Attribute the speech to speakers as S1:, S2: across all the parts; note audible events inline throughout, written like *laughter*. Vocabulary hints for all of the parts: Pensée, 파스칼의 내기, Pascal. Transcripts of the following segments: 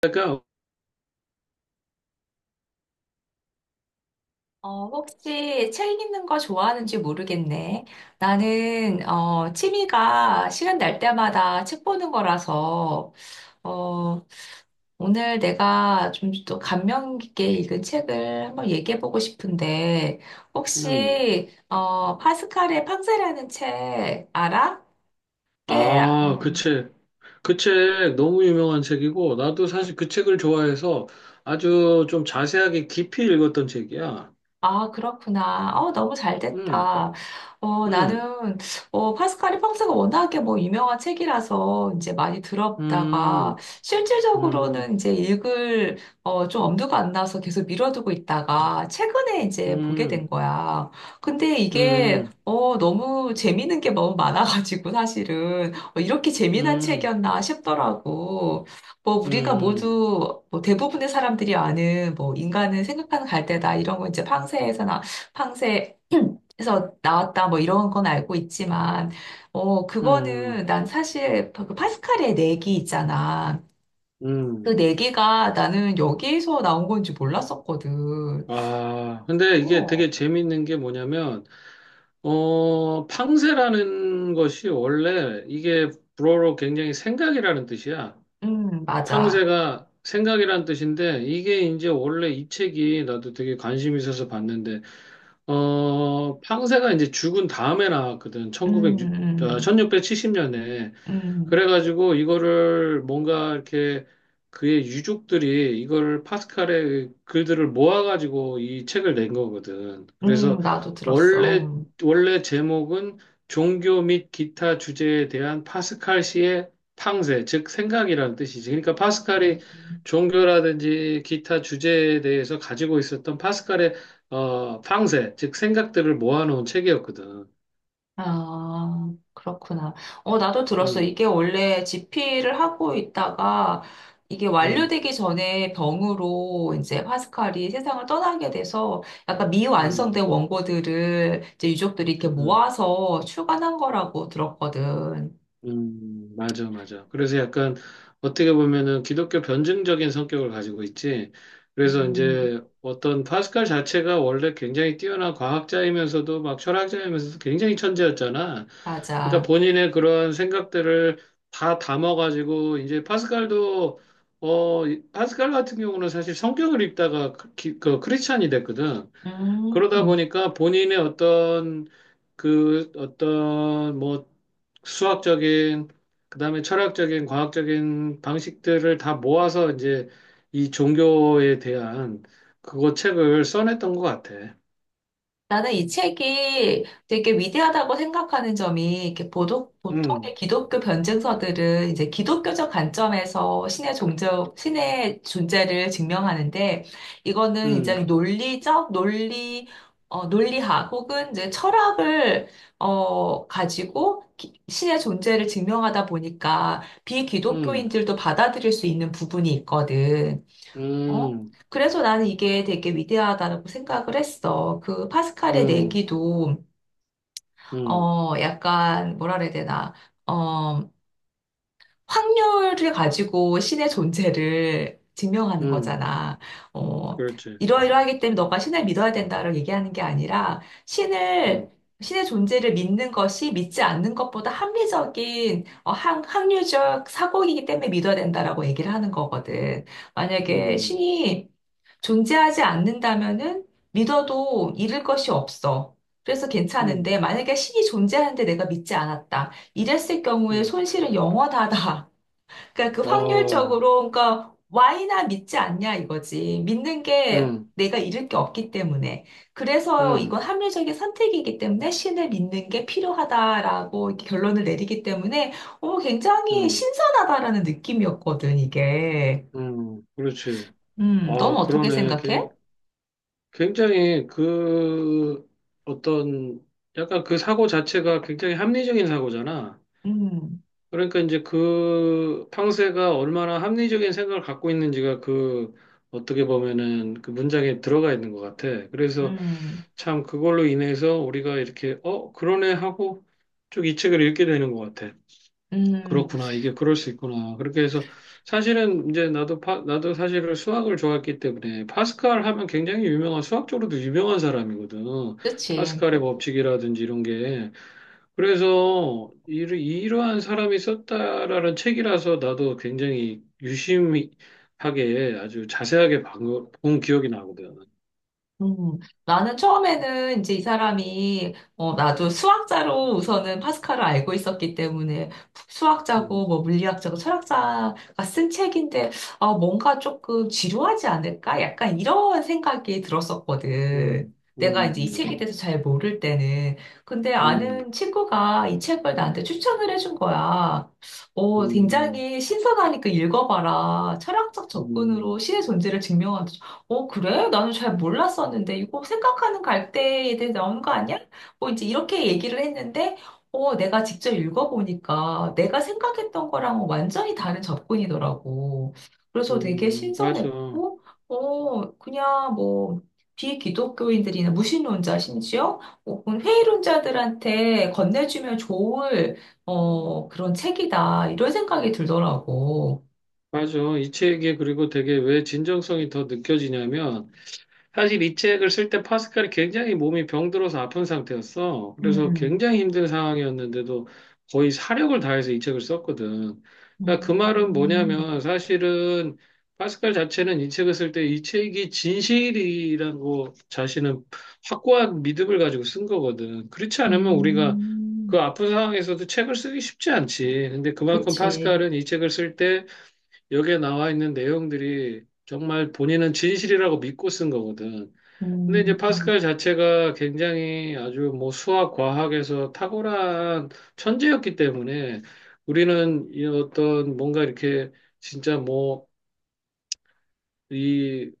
S1: 그러니까,
S2: 혹시 책 읽는 거 좋아하는지 모르겠네. 나는, 취미가 시간 날 때마다 책 보는 거라서, 어, 오늘 내가 좀 또 감명 깊게 읽은 책을 한번 얘기해 보고 싶은데,
S1: 음.
S2: 혹시, 파스칼의 팡세라는 책 알아? 꽤,
S1: 아, 그 책. 그 책 너무 유명한 책이고, 나도 사실 그 책을 좋아해서 아주 좀 자세하게 깊이 읽었던 책이야.
S2: 아, 그렇구나. 너무 잘
S1: 음,
S2: 됐다. 어,
S1: 음,
S2: 나는, 어, 파스칼이 평소가 워낙에 뭐 유명한 책이라서 이제 많이
S1: 음,
S2: 들었다가
S1: 음,
S2: 실질적으로는 이제 읽을, 좀 엄두가 안 나서 계속 미뤄두고 있다가 최근에 이제 보게
S1: 음,
S2: 된 거야. 근데 이게,
S1: 음,
S2: 어, 너무 재밌는 게 너무 많아가지고 사실은, 이렇게 재미난
S1: 음,
S2: 책이었나 싶더라고. 뭐 우리가
S1: 음,
S2: 모두 뭐 대부분의 사람들이 아는 뭐 인간은 생각하는 갈대다 이런 거 이제 팡세에서 나왔다 뭐 이런 건 알고 있지만
S1: 음,
S2: 그거는 난 사실 그 파스칼의 내기 있잖아. 그
S1: 음.
S2: 내기가 나는 여기에서 나온 건지 몰랐었거든.
S1: 아, 근데 이게
S2: 어,
S1: 되게 재밌는 게 뭐냐면, 팡세라는 것이 원래 이게 불어로 굉장히 생각이라는 뜻이야.
S2: 맞아.
S1: 탕세가 생각이란 뜻인데 이게 이제 원래 이 책이 나도 되게 관심 있어서 봤는데 팡세가 이제 죽은 다음에 나왔거든. 천구
S2: 음,
S1: 백0천
S2: 음,
S1: 1670년에
S2: 음,
S1: 그래가지고 이거를 뭔가 이렇게 그의 유족들이 이걸 파스칼의 글들을 모아가지고 이 책을 낸 거거든. 그래서
S2: 나도
S1: 원래,
S2: 들었어.
S1: 원래 제목은 종교 및 기타 주제에 대한 파스칼 시의 탕세, 즉 생각이라는 뜻이지. 그러니까 파스칼이
S2: 음.
S1: 종교라든지 기타 주제에 대해서 가지고 있었던 파스칼의 탕세, 즉 생각들을 모아놓은 책이었거든.
S2: 아, 그렇구나. 어, 나도 들었어.
S1: 음,
S2: 이게 원래 지피를 하고 있다가 이게
S1: 음,
S2: 완료되기 전에 병으로 이제 파스칼이 세상을 떠나게 돼서 약간
S1: 음,
S2: 미완성된 원고들을 이제 유족들이 이렇게
S1: 음.
S2: 모아서 출간한 거라고 들었거든.
S1: 맞아, 맞아. 그래서 약간 어떻게 보면은 기독교 변증적인 성격을 가지고 있지. 그래서
S2: 음,
S1: 이제 어떤 파스칼 자체가 원래 굉장히 뛰어난 과학자이면서도 막 철학자이면서도 굉장히 천재였잖아. 그러니까
S2: 맞아.
S1: 본인의 그런 생각들을 다 담아가지고 이제 파스칼도 파스칼 같은 경우는 사실 성격을 입다가 그 크리스찬이 됐거든. 그러다
S2: 음.
S1: 보니까 본인의 어떤 그 어떤 뭐 수학적인 그다음에 철학적인 과학적인 방식들을 다 모아서 이제 이 종교에 대한 그거 책을 써냈던 것 같아.
S2: 나는 이 책이 되게 위대하다고 생각하는 점이 이렇게 보도, 보통의
S1: 음,
S2: 기독교 변증서들은 이제 기독교적 관점에서 신의 존재를 증명하는데 이거는
S1: 음,
S2: 굉장히 논리학 혹은 이제 철학을 가지고 기- 신의 존재를 증명하다 보니까
S1: 음,
S2: 비기독교인들도 받아들일 수 있는 부분이 있거든. 어?
S1: 음,
S2: 그래서 나는 이게 되게 위대하다고 생각을 했어. 그 파스칼의
S1: 음,
S2: 내기도,
S1: 음,
S2: 어, 약간, 뭐라 그래야 되나, 어, 확률을 가지고 신의 존재를 증명하는
S1: 음,
S2: 거잖아. 어,
S1: 그렇지.
S2: 이러이러하기 때문에 너가 신을 믿어야 된다를 얘기하는 게 아니라 신을
S1: 음,
S2: 신의 존재를 믿는 것이 믿지 않는 것보다 합리적인 확률적 사고이기 때문에 믿어야 된다라고 얘기를 하는 거거든. 만약에
S1: 음,
S2: 신이 존재하지 않는다면은 믿어도 잃을 것이 없어. 그래서
S1: 음,
S2: 괜찮은데 만약에 신이 존재하는데 내가 믿지 않았다. 이랬을 경우에
S1: 음,
S2: 손실은 영원하다. *laughs* 그러니까 그
S1: 어,
S2: 확률적으로, 그러니까 Y나 믿지 않냐 이거지. 믿는 게
S1: 음,
S2: 내가 잃을 게 없기 때문에. 그래서 이건
S1: 음,
S2: 합리적인 선택이기 때문에 신을 믿는 게 필요하다라고 이렇게 결론을 내리기 때문에, 굉장히
S1: 음,
S2: 신선하다라는 느낌이었거든, 이게.
S1: 그렇지.
S2: 넌
S1: 아,
S2: 어떻게
S1: 그러네.
S2: 생각해?
S1: 굉장히 그 어떤 약간 그 사고 자체가 굉장히 합리적인 사고잖아.
S2: 음,
S1: 그러니까 이제 그 팡세가 얼마나 합리적인 생각을 갖고 있는지가 그 어떻게 보면은 그 문장에 들어가 있는 것 같아. 그래서
S2: 음,
S1: 참 그걸로 인해서 우리가 이렇게 그러네 하고 쭉 이 책을 읽게 되는 것 같아.
S2: 음,
S1: 그렇구나. 이게 그럴 수 있구나. 그렇게 해서 사실은 이제 나도 사실은 수학을 좋아했기 때문에 파스칼 하면 굉장히 유명한 수학적으로도 유명한 사람이거든.
S2: 그치.
S1: 파스칼의 법칙이라든지 이런 게. 그래서 이러한 사람이 썼다라는 책이라서 나도 굉장히 유심하게 아주 자세하게 본 기억이 나거든.
S2: 음, 나는 처음에는 이제 이 사람이, 나도 수학자로 우선은 파스칼을 알고 있었기 때문에 수학자고
S1: 음,
S2: 뭐 물리학자고 철학자가 쓴 책인데, 아, 뭔가 조금 지루하지 않을까? 약간 이런 생각이 들었었거든.
S1: 음,
S2: 내가 이제 이
S1: 음,
S2: 책에 대해서 잘 모를 때는. 근데
S1: 음,
S2: 아는 친구가 이 책을 나한테 추천을 해준 거야.
S1: 음,
S2: 어,
S1: 음,
S2: 굉장히 신선하니까 읽어봐라. 철학적
S1: 음,
S2: 접근으로 신의 존재를 증명한다. 어, 그래? 나는 잘 몰랐었는데, 이거 생각하는 갈대에 대해 나오는 거 아니야? 뭐 이제 이렇게 얘기를 했는데, 내가 직접 읽어보니까 내가 생각했던 거랑 완전히 다른 접근이더라고. 그래서 되게
S1: 맞아.
S2: 신선했고, 그냥 뭐, 비기독교인들이나 무신론자 심지어 혹은 회의론자들한테 건네주면 좋을, 그런 책이다. 이런 생각이 들더라고.
S1: 맞아. 이 책이 그리고 되게 왜 진정성이 더 느껴지냐면, 사실 이 책을 쓸 때 파스칼이 굉장히 몸이 병들어서 아픈 상태였어. 그래서
S2: 음.
S1: 굉장히 힘든 상황이었는데도 거의 사력을 다해서 이 책을 썼거든. 그러니까 그 말은
S2: 음.
S1: 뭐냐면, 사실은 파스칼 자체는 이 책을 쓸 때 이 책이 진실이라고 자신은 확고한 믿음을 가지고 쓴 거거든. 그렇지 않으면 우리가
S2: 음,
S1: 그 아픈 상황에서도 책을 쓰기 쉽지 않지. 근데 그만큼
S2: 그치.
S1: 파스칼은 이 책을 쓸때 여기에 나와 있는 내용들이 정말 본인은 진실이라고 믿고 쓴 거거든. 근데 이제
S2: 음,
S1: 파스칼 자체가 굉장히 아주 뭐 수학, 과학에서 탁월한 천재였기 때문에 우리는 이 어떤 뭔가 이렇게 진짜 뭐 이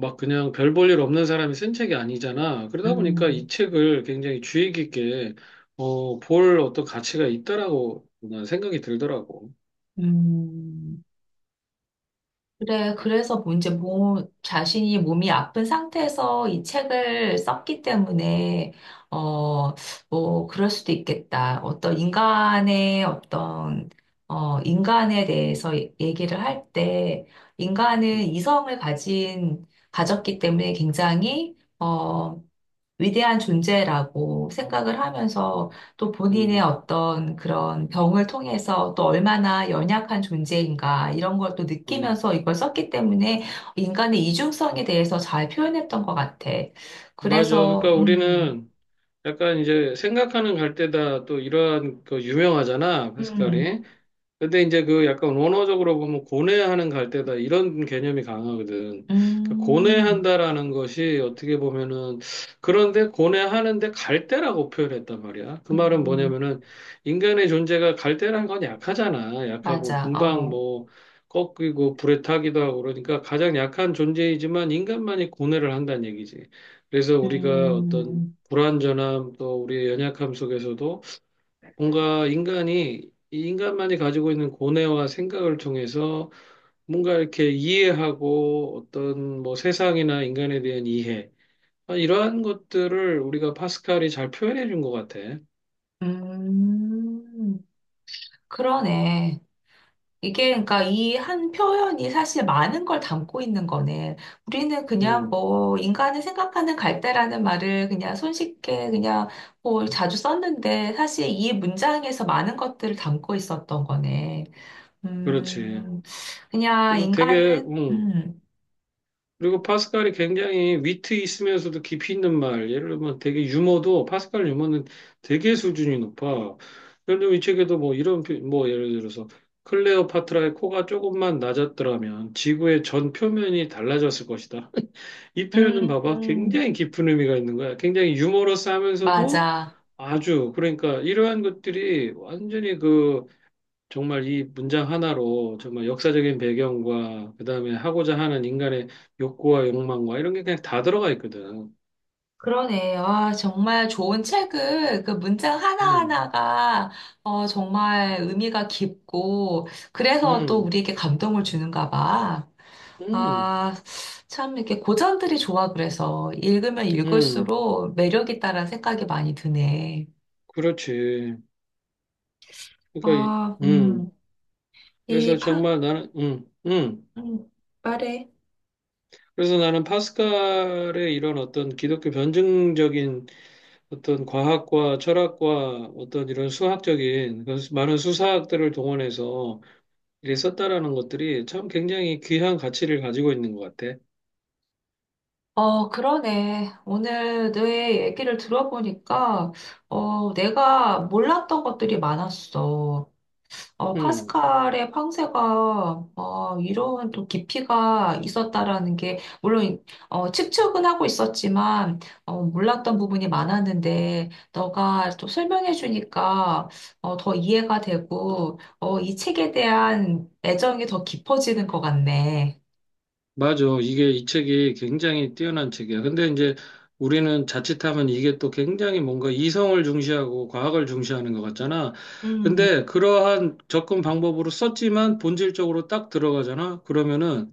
S1: 막 그냥 별 볼일 없는 사람이 쓴 책이 아니잖아. 그러다 보니까
S2: 음,
S1: 이 책을 굉장히 주의 깊게 볼 어떤 가치가 있다라고 난 생각이 들더라고.
S2: 음. 그래, 그래서 뭐 이제 몸, 자신이 몸이 아픈 상태에서 이 책을 썼기 때문에, 어, 뭐, 그럴 수도 있겠다. 어떤 인간의 어떤, 인간에 대해서 얘- 얘기를 할 때, 인간은
S1: 음,
S2: 이성을 가진, 가졌기 때문에 굉장히, 어, 위대한 존재라고 생각을 하면서
S1: 음.
S2: 또 본인의
S1: 음,
S2: 어떤 그런 병을 통해서 또 얼마나 연약한 존재인가 이런 걸 또
S1: 음.
S2: 느끼면서 이걸 썼기 때문에 인간의 이중성에 대해서 잘 표현했던 것 같아.
S1: 맞아.
S2: 그래서,
S1: 그러니까 우리는 약간 이제 생각하는 갈대다 또 이러한 그 유명하잖아,
S2: 음,
S1: 페스칼이. 근데 이제 그 약간 원어적으로 보면 고뇌하는 갈대다 이런 개념이 강하거든. 그러니까
S2: 음,
S1: 고뇌한다라는 것이 어떻게 보면은 그런데 고뇌하는데 갈대라고 표현했단 말이야. 그 말은
S2: 음,
S1: 뭐냐면은 인간의 존재가 갈대라는 건 약하잖아. 약하고
S2: 맞아,
S1: 금방
S2: 어,
S1: 뭐 꺾이고 불에 타기도 하고 그러니까 가장 약한 존재이지만 인간만이 고뇌를 한다는 얘기지. 그래서 우리가 어떤
S2: 음,
S1: 불완전함 또 우리의 연약함 속에서도 뭔가 인간이 이 인간만이 가지고 있는 고뇌와 생각을 통해서 뭔가 이렇게 이해하고 어떤 뭐 세상이나 인간에 대한 이해 아, 이러한 것들을 우리가 파스칼이 잘 표현해 준 것 같아.
S2: 음, 그러네. 이게 그러니까 이 한 표현이 사실 많은 걸 담고 있는 거네. 우리는 그냥
S1: 음,
S2: 뭐 인간이 생각하는 갈대라는 말을 그냥 손쉽게 그냥 뭐 자주 썼는데 사실 이 문장에서 많은 것들을 담고 있었던 거네.
S1: 그렇지.
S2: 음, 그냥
S1: 그리고 되게
S2: 인간은
S1: 음, 그리고 파스칼이 굉장히 위트 있으면서도 깊이 있는 말. 예를 들면 되게 유머도 파스칼 유머는 되게 수준이 높아. 예를 들면 이 책에도 뭐 이런 뭐 예를 들어서 클레오파트라의 코가 조금만 낮았더라면 지구의 전 표면이 달라졌을 것이다. *laughs* 이 표현은
S2: 음,
S1: 봐봐.
S2: 음,
S1: 굉장히 깊은 의미가 있는 거야. 굉장히 유머러스하면서도
S2: 맞아.
S1: 아주 그러니까 이러한 것들이 완전히 그 정말 이 문장 하나로 정말 역사적인 배경과 그다음에 하고자 하는 인간의 욕구와 욕망과 이런 게 그냥 다 들어가 있거든.
S2: 그러네. 아, 정말 좋은 책을 그 문장
S1: 음,
S2: 하나하나가 정말 의미가 깊고 그래서 또
S1: 음,
S2: 우리에게 감동을 주는가 봐.
S1: 음,
S2: 아, 참 이렇게 고전들이 좋아 그래서 읽으면
S1: 음,
S2: 읽을수록 매력 있다라는 생각이 많이 드네.
S1: 그렇지. 그러니까, 이-
S2: 아,
S1: 음, 그래서
S2: 이 파,
S1: 정말 나는,
S2: 음, 말해.
S1: 그래서 나는 파스칼의 이런 어떤 기독교 변증적인 어떤 과학과 철학과 어떤 이런 수학적인 그런 많은 수사학들을 동원해서 이렇게 썼다라는 것들이 참 굉장히 귀한 가치를 가지고 있는 것 같아.
S2: 어, 그러네. 오늘 내 얘기를 들어보니까, 내가 몰랐던 것들이 많았어. 어,
S1: 음,
S2: 파스칼의 황새가 어, 이런 또 깊이가 있었다라는 게 물론 측측은 하고 있었지만 몰랐던 부분이 많았는데 너가 또 설명해 주니까 더 이해가 되고 이 책에 대한 애정이 더 깊어지는 것 같네.
S1: 맞아. 이게 이 책이 굉장히 뛰어난 책이야. 근데 이제 우리는 자칫하면 이게 또 굉장히 뭔가 이성을 중시하고 과학을 중시하는 것 같잖아.
S2: 음,
S1: 근데 그러한 접근 방법으로 썼지만 본질적으로 딱 들어가잖아. 그러면은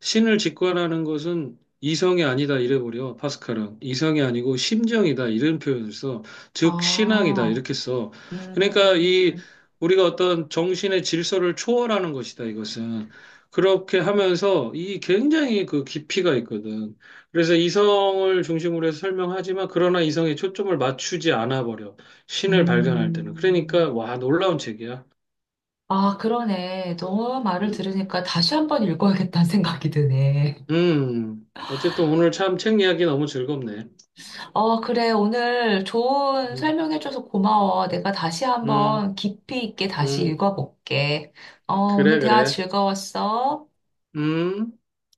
S1: 신을 직관하는 것은 이성이 아니다 이래버려. 파스칼은 이성이 아니고 심정이다 이런 표현을 써. 즉 신앙이다
S2: 아,
S1: 이렇게 써. 그러니까 이
S2: 음,
S1: 우리가 어떤 정신의 질서를 초월하는 것이다 이것은. 그렇게 하면서 이 굉장히 그 깊이가 있거든. 그래서 이성을 중심으로 해서 설명하지만 그러나 이성에 초점을 맞추지 않아 버려. 신을 발견할 때는.
S2: 음.
S1: 그러니까 와 놀라운 책이야.
S2: 아, 그러네. 너 말을
S1: 음.
S2: 들으니까 다시 한번 읽어야겠다는 생각이 드네.
S1: 음. 어쨌든 오늘 참 책 이야기 너무 즐겁네.
S2: 어, 그래. 오늘 좋은 설명해줘서 고마워. 내가 다시
S1: 음,
S2: 한번 깊이 있게 다시
S1: 음,
S2: 읽어볼게. 어, 오늘
S1: 그래,
S2: 대화
S1: 그래.
S2: 즐거웠어.
S1: 음.